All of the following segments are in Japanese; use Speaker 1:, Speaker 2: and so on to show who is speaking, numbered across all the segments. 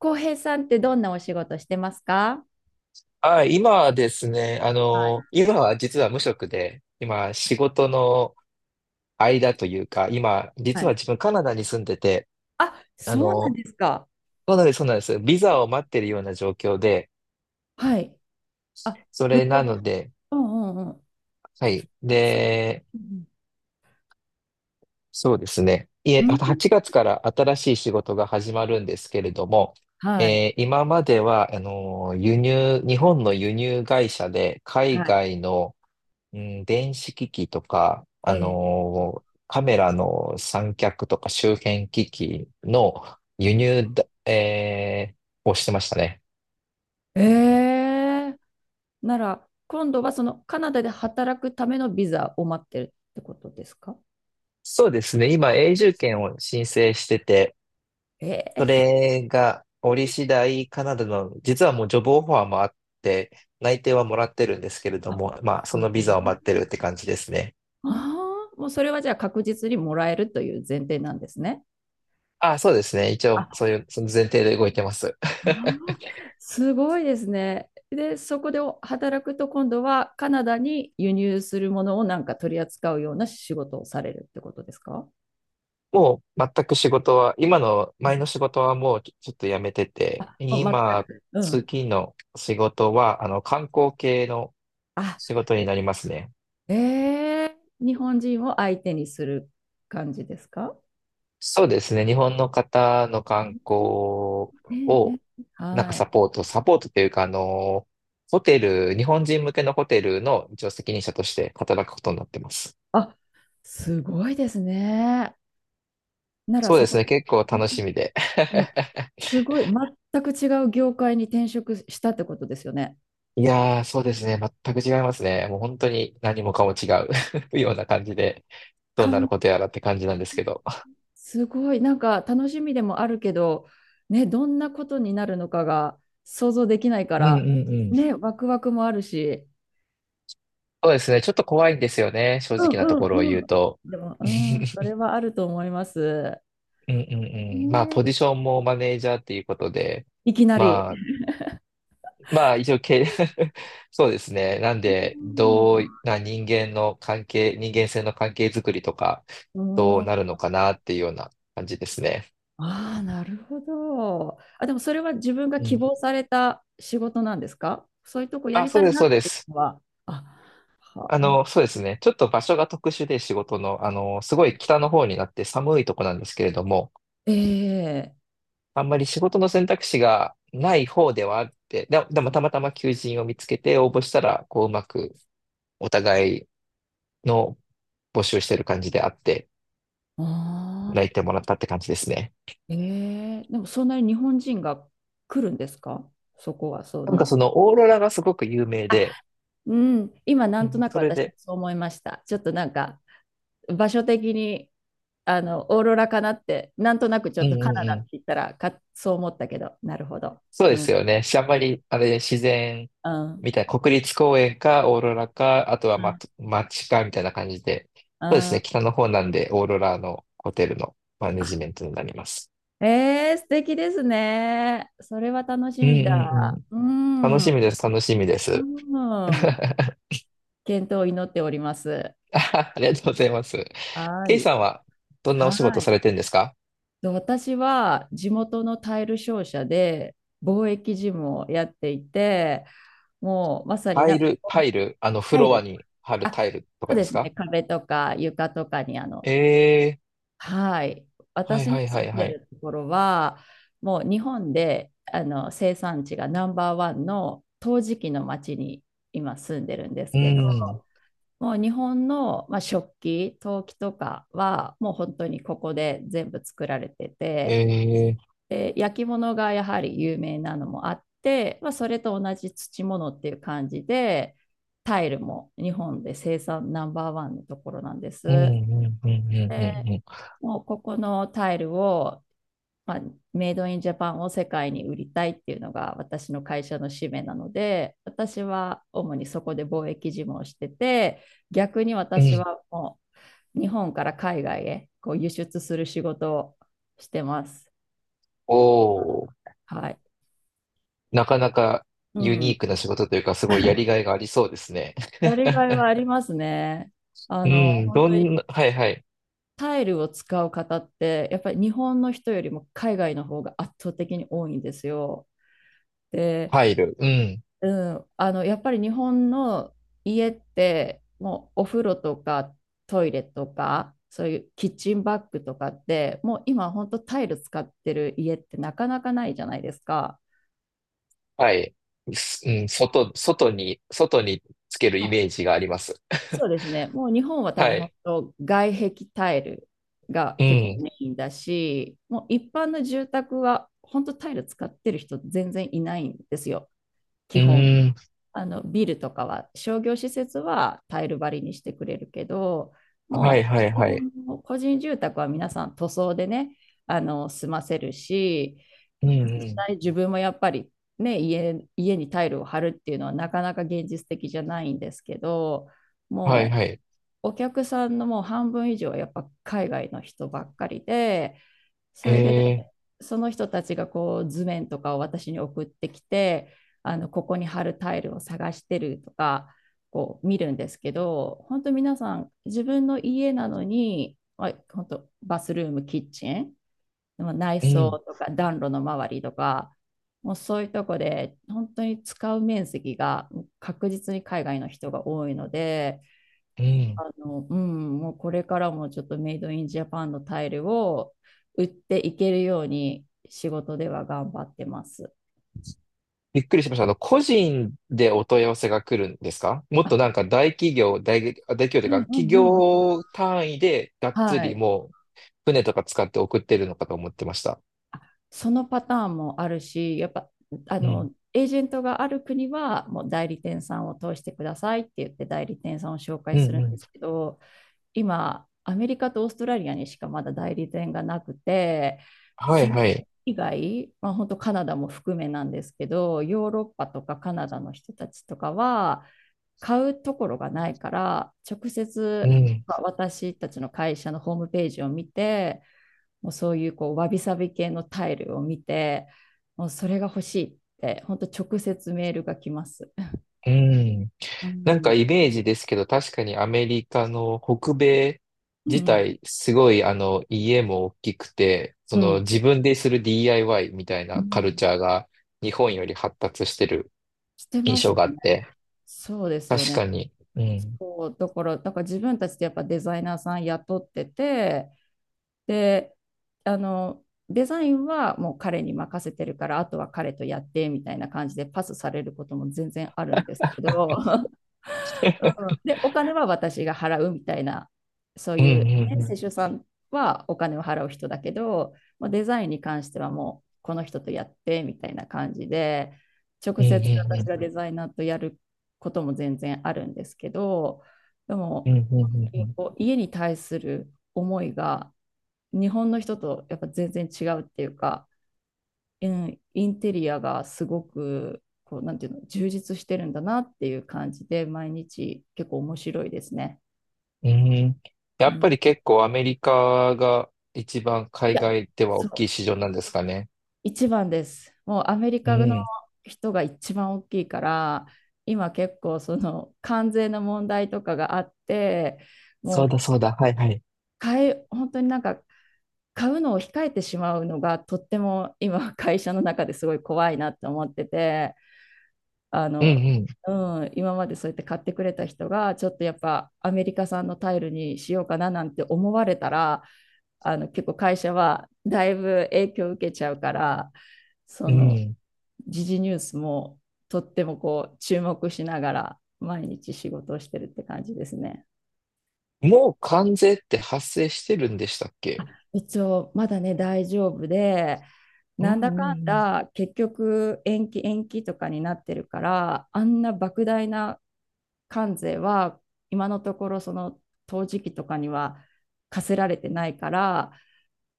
Speaker 1: 浩平さんってどんなお仕事してますか？
Speaker 2: あ、今はですね、
Speaker 1: はい
Speaker 2: 今は実は無職で、今仕事の間というか、今、
Speaker 1: は
Speaker 2: 実は
Speaker 1: い。
Speaker 2: 自分カナダに住んでて、
Speaker 1: あ、
Speaker 2: あ
Speaker 1: そうなん
Speaker 2: の、
Speaker 1: ですか。
Speaker 2: そうなんです、そうなんです。ビザを待ってるような状況で、
Speaker 1: はい。あ、
Speaker 2: そ
Speaker 1: 向
Speaker 2: れ
Speaker 1: こ
Speaker 2: な
Speaker 1: うで。
Speaker 2: ので、
Speaker 1: うんうんうん。
Speaker 2: はい。
Speaker 1: そう。
Speaker 2: で、
Speaker 1: うん
Speaker 2: そうですね。い
Speaker 1: う
Speaker 2: え、
Speaker 1: ん。う
Speaker 2: あと
Speaker 1: ん、
Speaker 2: 8月から新しい仕事が始まるんですけれども、
Speaker 1: はい。
Speaker 2: 今までは、輸入、日本の輸入会社で海
Speaker 1: は
Speaker 2: 外のうん、電子機器とか、
Speaker 1: い。ええ。
Speaker 2: カメラの三脚とか周辺機器の輸入だ、えーをしてましたね。
Speaker 1: ええ。なら、今度はそのカナダで働くためのビザを待ってるってことですか？
Speaker 2: そうですね。今、
Speaker 1: あ、
Speaker 2: 永住権を申請してて、
Speaker 1: ええ。
Speaker 2: それが折り次第カナダの、実はもうジョブオファーもあって、内定はもらってるんですけれど
Speaker 1: あ、
Speaker 2: も、まあ、そ
Speaker 1: す
Speaker 2: のビザを
Speaker 1: ご
Speaker 2: 待
Speaker 1: い。
Speaker 2: ってるって感じですね。
Speaker 1: ああ、もうそれはじゃあ確実にもらえるという前提なんですね。
Speaker 2: あ、そうですね。一応、そういう、その前提で動いてます。
Speaker 1: あー、 すごいですね。で、そこでお働くと今度はカナダに輸入するものをなんか取り扱うような仕事をされるってことですか？
Speaker 2: もう全く仕事は、今の
Speaker 1: う
Speaker 2: 前
Speaker 1: ん、
Speaker 2: の仕事はもうちょっとやめてて、
Speaker 1: あ、全
Speaker 2: 今、
Speaker 1: く。うん。
Speaker 2: 次の仕事は、観光系の
Speaker 1: あ、
Speaker 2: 仕事になりますね。
Speaker 1: ええ、日本人を相手にする感じですか？
Speaker 2: そうですね。日本の方の観光
Speaker 1: えええ
Speaker 2: を、
Speaker 1: え、
Speaker 2: なんか
Speaker 1: は
Speaker 2: サ
Speaker 1: い。
Speaker 2: ポート、サポートというか、ホテル、日本人向けのホテルの一応責任者として働くことになってます。
Speaker 1: あ、すごいですね。なら
Speaker 2: そう
Speaker 1: そ
Speaker 2: です
Speaker 1: こ、
Speaker 2: ね。結構
Speaker 1: うん
Speaker 2: 楽しみで。
Speaker 1: うん、 すごい、全く違う業界に転職したってことですよね。
Speaker 2: いやー、そうですね。全く違いますね。もう本当に何もかも違う ような感じで。どうなることやらって感じなんですけど。
Speaker 1: すごい、なんか楽しみでもあるけど、ね、どんなことになるのかが想像できないか
Speaker 2: うんう
Speaker 1: ら、
Speaker 2: んうん。
Speaker 1: ね、ワクワクもあるし、
Speaker 2: そうですね。ちょっと怖いんですよね。正
Speaker 1: うん
Speaker 2: 直なところを
Speaker 1: うん
Speaker 2: 言う
Speaker 1: うん。
Speaker 2: と。
Speaker 1: でも、うん、それ はあると思います。
Speaker 2: うんうんうん。まあ、
Speaker 1: ね、
Speaker 2: ポジションもマネージャーっていうことで、
Speaker 1: いきなり。
Speaker 2: まあ、一応。そうですね。なんで、
Speaker 1: う
Speaker 2: ど
Speaker 1: ん
Speaker 2: うな人間性の関係づくりとか、
Speaker 1: う
Speaker 2: ど
Speaker 1: ん、
Speaker 2: う
Speaker 1: あ
Speaker 2: なるのかなっていうような感じですね。
Speaker 1: あ、なるほど。あ、でもそれは自分が
Speaker 2: う
Speaker 1: 希
Speaker 2: ん。
Speaker 1: 望された仕事なんですか？そういうとこや
Speaker 2: あ、
Speaker 1: り
Speaker 2: そ
Speaker 1: た
Speaker 2: う
Speaker 1: い
Speaker 2: です、
Speaker 1: な
Speaker 2: そ
Speaker 1: っ
Speaker 2: うで
Speaker 1: てい
Speaker 2: す。
Speaker 1: うのは。あ、あ、
Speaker 2: そうですね。ちょっと場所が特殊で仕事の、すごい北の方になって寒いとこなんですけれども、
Speaker 1: ええ、
Speaker 2: あんまり仕事の選択肢がない方ではあって、でもたまたま求人を見つけて応募したら、こううまくお互いの募集してる感じであって、
Speaker 1: あ、
Speaker 2: 泣いてもらったって感じですね。
Speaker 1: ええ、でもそんなに日本人が来るんですか？そこは、そ
Speaker 2: なんか
Speaker 1: の。
Speaker 2: そのオーロラがすごく有名
Speaker 1: あ、
Speaker 2: で、
Speaker 1: うん、今な
Speaker 2: う
Speaker 1: んと
Speaker 2: ん、
Speaker 1: なく
Speaker 2: それ
Speaker 1: 私も
Speaker 2: で、
Speaker 1: そう思いました。ちょっとなんか場所的にあのオーロラかなってなんとなくちょ
Speaker 2: うん
Speaker 1: っとカ
Speaker 2: うんう
Speaker 1: ナダっ
Speaker 2: ん。
Speaker 1: て言ったらかそう思ったけど、なるほど。
Speaker 2: そうで
Speaker 1: う
Speaker 2: す
Speaker 1: ん、
Speaker 2: よね。あんまり、自然
Speaker 1: うん、
Speaker 2: みたいな、国立公園か、オーロラか、あとは、
Speaker 1: う
Speaker 2: ま、
Speaker 1: ん、
Speaker 2: 街か、みたいな感じで、
Speaker 1: う
Speaker 2: そうです
Speaker 1: ん。
Speaker 2: ね。
Speaker 1: あ、
Speaker 2: 北の方なんで、オーロラのホテルのマネジメントになります。
Speaker 1: ええ、素敵ですね。それは楽し
Speaker 2: うん
Speaker 1: みだ。
Speaker 2: うんうん。
Speaker 1: う
Speaker 2: 楽
Speaker 1: ん、
Speaker 2: し
Speaker 1: う
Speaker 2: みです、楽しみです。
Speaker 1: ん。健闘を祈っております。
Speaker 2: ありがとうございます。
Speaker 1: は
Speaker 2: ケイ
Speaker 1: い。
Speaker 2: さんはどんなお仕
Speaker 1: は
Speaker 2: 事
Speaker 1: い。
Speaker 2: されてるんですか？
Speaker 1: と私は地元のタイル商社で貿易事務をやっていて、もうまさに
Speaker 2: タ
Speaker 1: な
Speaker 2: イ
Speaker 1: んか
Speaker 2: ル、タイル、フ
Speaker 1: タイ
Speaker 2: ロア
Speaker 1: ル、
Speaker 2: に貼る
Speaker 1: あ、
Speaker 2: タイルと
Speaker 1: そう
Speaker 2: かで
Speaker 1: で
Speaker 2: す
Speaker 1: すね、
Speaker 2: か？
Speaker 1: 壁とか床とかに
Speaker 2: ええ
Speaker 1: はい、
Speaker 2: ー、はい
Speaker 1: 私の
Speaker 2: はい
Speaker 1: 住
Speaker 2: はい
Speaker 1: ん
Speaker 2: は
Speaker 1: で
Speaker 2: い。
Speaker 1: るところは、もう日本で生産地がナンバーワンの陶磁器の町に今住んでるんです
Speaker 2: う
Speaker 1: けど、
Speaker 2: ん、
Speaker 1: もう日本の、まあ、食器、陶器とかはもう本当にここで全部作られてて、
Speaker 2: ええ
Speaker 1: で焼き物がやはり有名なのもあって、まあ、それと同じ土物っていう感じでタイルも日本で生産ナンバーワンのところなんで
Speaker 2: ー、う
Speaker 1: す。
Speaker 2: ん、うん、うん、う
Speaker 1: で
Speaker 2: ん、うん、
Speaker 1: もうここのタイルを、まあ、メイドインジャパンを世界に売りたいっていうのが私の会社の使命なので、私は主にそこで貿易事務をしてて、逆に
Speaker 2: うん。う
Speaker 1: 私
Speaker 2: ん。
Speaker 1: はもう日本から海外へこう輸出する仕事をしてます。
Speaker 2: おー、
Speaker 1: はい、
Speaker 2: なかなか
Speaker 1: う
Speaker 2: ユニ
Speaker 1: ん、
Speaker 2: ークな仕事というか、すごいやりがいがありそうですね。
Speaker 1: やりがいはありますね。
Speaker 2: うん、
Speaker 1: 本
Speaker 2: ど
Speaker 1: 当に
Speaker 2: んな、はいはい。
Speaker 1: タイルを使う方って、やっぱり日本の人よりも海外の方が圧倒的に多いんですよ。で、
Speaker 2: タイル、うん。
Speaker 1: うん、やっぱり日本の家って、もうお風呂とかトイレとか、そういうキッチンバッグとかって、もう今本当タイル使ってる家ってなかなかないじゃないですか。
Speaker 2: はい。うん、外につけるイメージがあります。
Speaker 1: そ うですね。もう日本は多
Speaker 2: は
Speaker 1: 分本
Speaker 2: い。
Speaker 1: 当外壁タイルが
Speaker 2: う
Speaker 1: 結構メ
Speaker 2: ん。
Speaker 1: インだし、もう一般の住宅は本当タイル使ってる人全然いないんですよ、
Speaker 2: う
Speaker 1: 基本。
Speaker 2: ーん。
Speaker 1: あのビルとかは商業施設はタイル張りにしてくれるけど、
Speaker 2: はい
Speaker 1: も
Speaker 2: はい
Speaker 1: う基
Speaker 2: はい。
Speaker 1: 本の個人住宅は皆さん塗装でね、済ませるし、
Speaker 2: うんう
Speaker 1: 実
Speaker 2: ん。
Speaker 1: 際自分もやっぱりね、家にタイルを張るっていうのはなかなか現実的じゃないんですけど、
Speaker 2: はい
Speaker 1: も
Speaker 2: はい。
Speaker 1: うお客さんのもう半分以上はやっぱ海外の人ばっかりで、それで
Speaker 2: えー。
Speaker 1: その人たちがこう図面とかを私に送ってきて、ここに貼るタイルを探してるとか、こう見るんですけど、本当皆さん自分の家なのに、まあ、本当バスルーム、キッチン、でも内
Speaker 2: う
Speaker 1: 装
Speaker 2: ん。
Speaker 1: とか暖炉の周りとか、もうそういうとこで本当に使う面積が確実に海外の人が多いので、
Speaker 2: うん。
Speaker 1: うん、もうこれからもちょっとメイドインジャパンのタイルを売っていけるように仕事では頑張ってます。
Speaker 2: びっくりしました。個人でお問い合わせが来るんですか？もっと
Speaker 1: あ、
Speaker 2: なんか大企業とい
Speaker 1: う
Speaker 2: う
Speaker 1: ん
Speaker 2: か、
Speaker 1: う
Speaker 2: 企
Speaker 1: んうん。
Speaker 2: 業単位でがっつ
Speaker 1: は
Speaker 2: り
Speaker 1: い。
Speaker 2: もう船とか使って送ってるのかと思ってました。
Speaker 1: そのパターンもあるし、やっぱ、
Speaker 2: うん。
Speaker 1: エージェントがある国は、もう代理店さんを通してくださいって言って代理店さんを紹
Speaker 2: う
Speaker 1: 介する
Speaker 2: ん
Speaker 1: ん
Speaker 2: う
Speaker 1: で
Speaker 2: ん。
Speaker 1: すけど、今、アメリカとオーストラリアにしかまだ代理店がなくて、
Speaker 2: は
Speaker 1: そ
Speaker 2: い
Speaker 1: れ
Speaker 2: はい。
Speaker 1: 以外、まあ、本当カナダも含めなんですけど、ヨーロッパとかカナダの人たちとかは、買うところがないから、直
Speaker 2: う
Speaker 1: 接、
Speaker 2: ん。
Speaker 1: まあ私たちの会社のホームページを見て、もうそういうこうわびさび系のタイルを見て、もうそれが欲しいって、本当直接メールが来ます。
Speaker 2: うん。
Speaker 1: う
Speaker 2: なんか
Speaker 1: ん、
Speaker 2: イメージですけど、確かにアメリカの北米
Speaker 1: う
Speaker 2: 自
Speaker 1: ん、
Speaker 2: 体、すごい家も大きくて、そ
Speaker 1: う
Speaker 2: の
Speaker 1: ん、
Speaker 2: 自分でする DIY みたい
Speaker 1: う
Speaker 2: なカ
Speaker 1: ん。
Speaker 2: ルチャーが日本より発達してる
Speaker 1: して
Speaker 2: 印
Speaker 1: ます
Speaker 2: 象
Speaker 1: よ
Speaker 2: があっ
Speaker 1: ね。
Speaker 2: て、
Speaker 1: そうですよ
Speaker 2: 確
Speaker 1: ね。
Speaker 2: かに。うん。
Speaker 1: そう、だから自分たちでやっぱデザイナーさん雇ってて、で、デザインはもう彼に任せてるから、あとは彼とやってみたいな感じでパスされることも全然あるんですけど、うん、で、お金は私が払うみたいな、そう
Speaker 2: うんう
Speaker 1: いう、ね、
Speaker 2: んう
Speaker 1: 施
Speaker 2: ん。
Speaker 1: 主さんはお金を払う人だけど、もうデザインに関してはもうこの人とやってみたいな感じで、
Speaker 2: う
Speaker 1: 直
Speaker 2: んう
Speaker 1: 接私
Speaker 2: ん
Speaker 1: がデ
Speaker 2: う
Speaker 1: ザイナーとやることも全然あるんですけど、で
Speaker 2: ん。う
Speaker 1: も
Speaker 2: んうんうん
Speaker 1: こう家に対する思いが日本の人とやっぱ全然違うっていうか、うん、インテリアがすごくこうなんていうの充実してるんだなっていう感じで、毎日結構面白いですね。
Speaker 2: うん。うん。や
Speaker 1: う
Speaker 2: っ
Speaker 1: ん、い
Speaker 2: ぱり結構アメリカが一番海
Speaker 1: や、
Speaker 2: 外では大
Speaker 1: そ
Speaker 2: き
Speaker 1: う、
Speaker 2: い市場なんですかね。
Speaker 1: 一番です。もうアメリ
Speaker 2: う
Speaker 1: カの
Speaker 2: ん。
Speaker 1: 人が一番大きいから、今結構その関税の問題とかがあって、
Speaker 2: そう
Speaker 1: も
Speaker 2: だ
Speaker 1: う
Speaker 2: そうだ。はいはい。
Speaker 1: 本当になんか買うのを控えてしまうのがとっても今会社の中ですごい怖いなって思ってて。あ
Speaker 2: う
Speaker 1: の、
Speaker 2: ん
Speaker 1: うん、今までそうやって買ってくれた人が、ちょっとやっぱアメリカ産のタイルにしようかななんて思われたら、結構会社はだいぶ影響を受けちゃうから、そ
Speaker 2: うん。う
Speaker 1: の、
Speaker 2: ん。
Speaker 1: 時事ニュースもとってもこう注目しながら毎日仕事をしてるって感じですね。
Speaker 2: もう関税って発生してるんでしたっけ？
Speaker 1: 一応まだね大丈夫で、
Speaker 2: うん
Speaker 1: なんだ
Speaker 2: うん
Speaker 1: かん
Speaker 2: うん。
Speaker 1: だ結局延期延期とかになってるから、あんな莫大な関税は今のところその陶磁器とかには課せられてないから、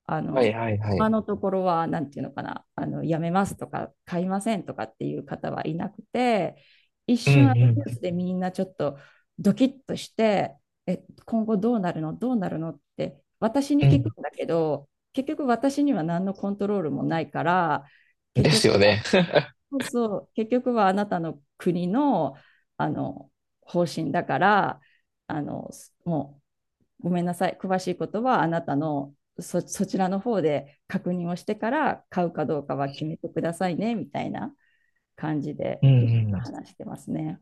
Speaker 1: あ
Speaker 2: はい
Speaker 1: の、
Speaker 2: はいは
Speaker 1: 今
Speaker 2: い。
Speaker 1: のところは、なんていうのかな、やめますとか、買いませんとかっていう方はいなくて、一
Speaker 2: うん
Speaker 1: 瞬、あのニュー
Speaker 2: う
Speaker 1: スでみんなちょっとドキッとして、え、今後どうなるの、どうなるのって、私に聞くん
Speaker 2: ん
Speaker 1: だけど、結局私には何のコントロールもないから、
Speaker 2: うん。
Speaker 1: 結
Speaker 2: です
Speaker 1: 局
Speaker 2: よ
Speaker 1: は、
Speaker 2: ね。
Speaker 1: そうそう、結局はあなたの国の、あの、方針だから、あの、もごめんなさい、詳しいことはあなたのそちらの方で確認をしてから買うかどうかは決めてくださいねみたいな感じ で
Speaker 2: うん
Speaker 1: 結局
Speaker 2: うん。
Speaker 1: 話してますね。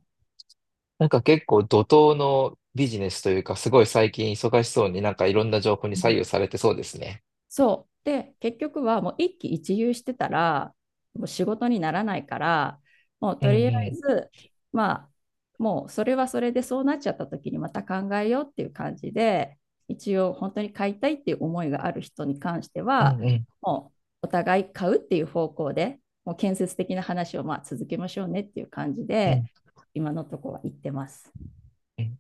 Speaker 2: なんか結構怒涛のビジネスというか、すごい最近忙しそうになんかいろんな情報に
Speaker 1: う
Speaker 2: 左
Speaker 1: ん、
Speaker 2: 右されてそうですね。
Speaker 1: そう。で、結局はもう一喜一憂してたら、もう仕事にならないから、もう
Speaker 2: う
Speaker 1: と
Speaker 2: ん
Speaker 1: りあ
Speaker 2: う
Speaker 1: え
Speaker 2: ん。
Speaker 1: ず、まあ、もうそれはそれでそうなっちゃった時にまた考えようっていう感じで、一応本当に買いたいっていう思いがある人に関して
Speaker 2: うん
Speaker 1: は、
Speaker 2: うん。
Speaker 1: もうお互い買うっていう方向で、もう建設的な話をまあ続けましょうねっていう感じ
Speaker 2: う
Speaker 1: で、
Speaker 2: ん
Speaker 1: 今のところは言ってます。
Speaker 2: うん。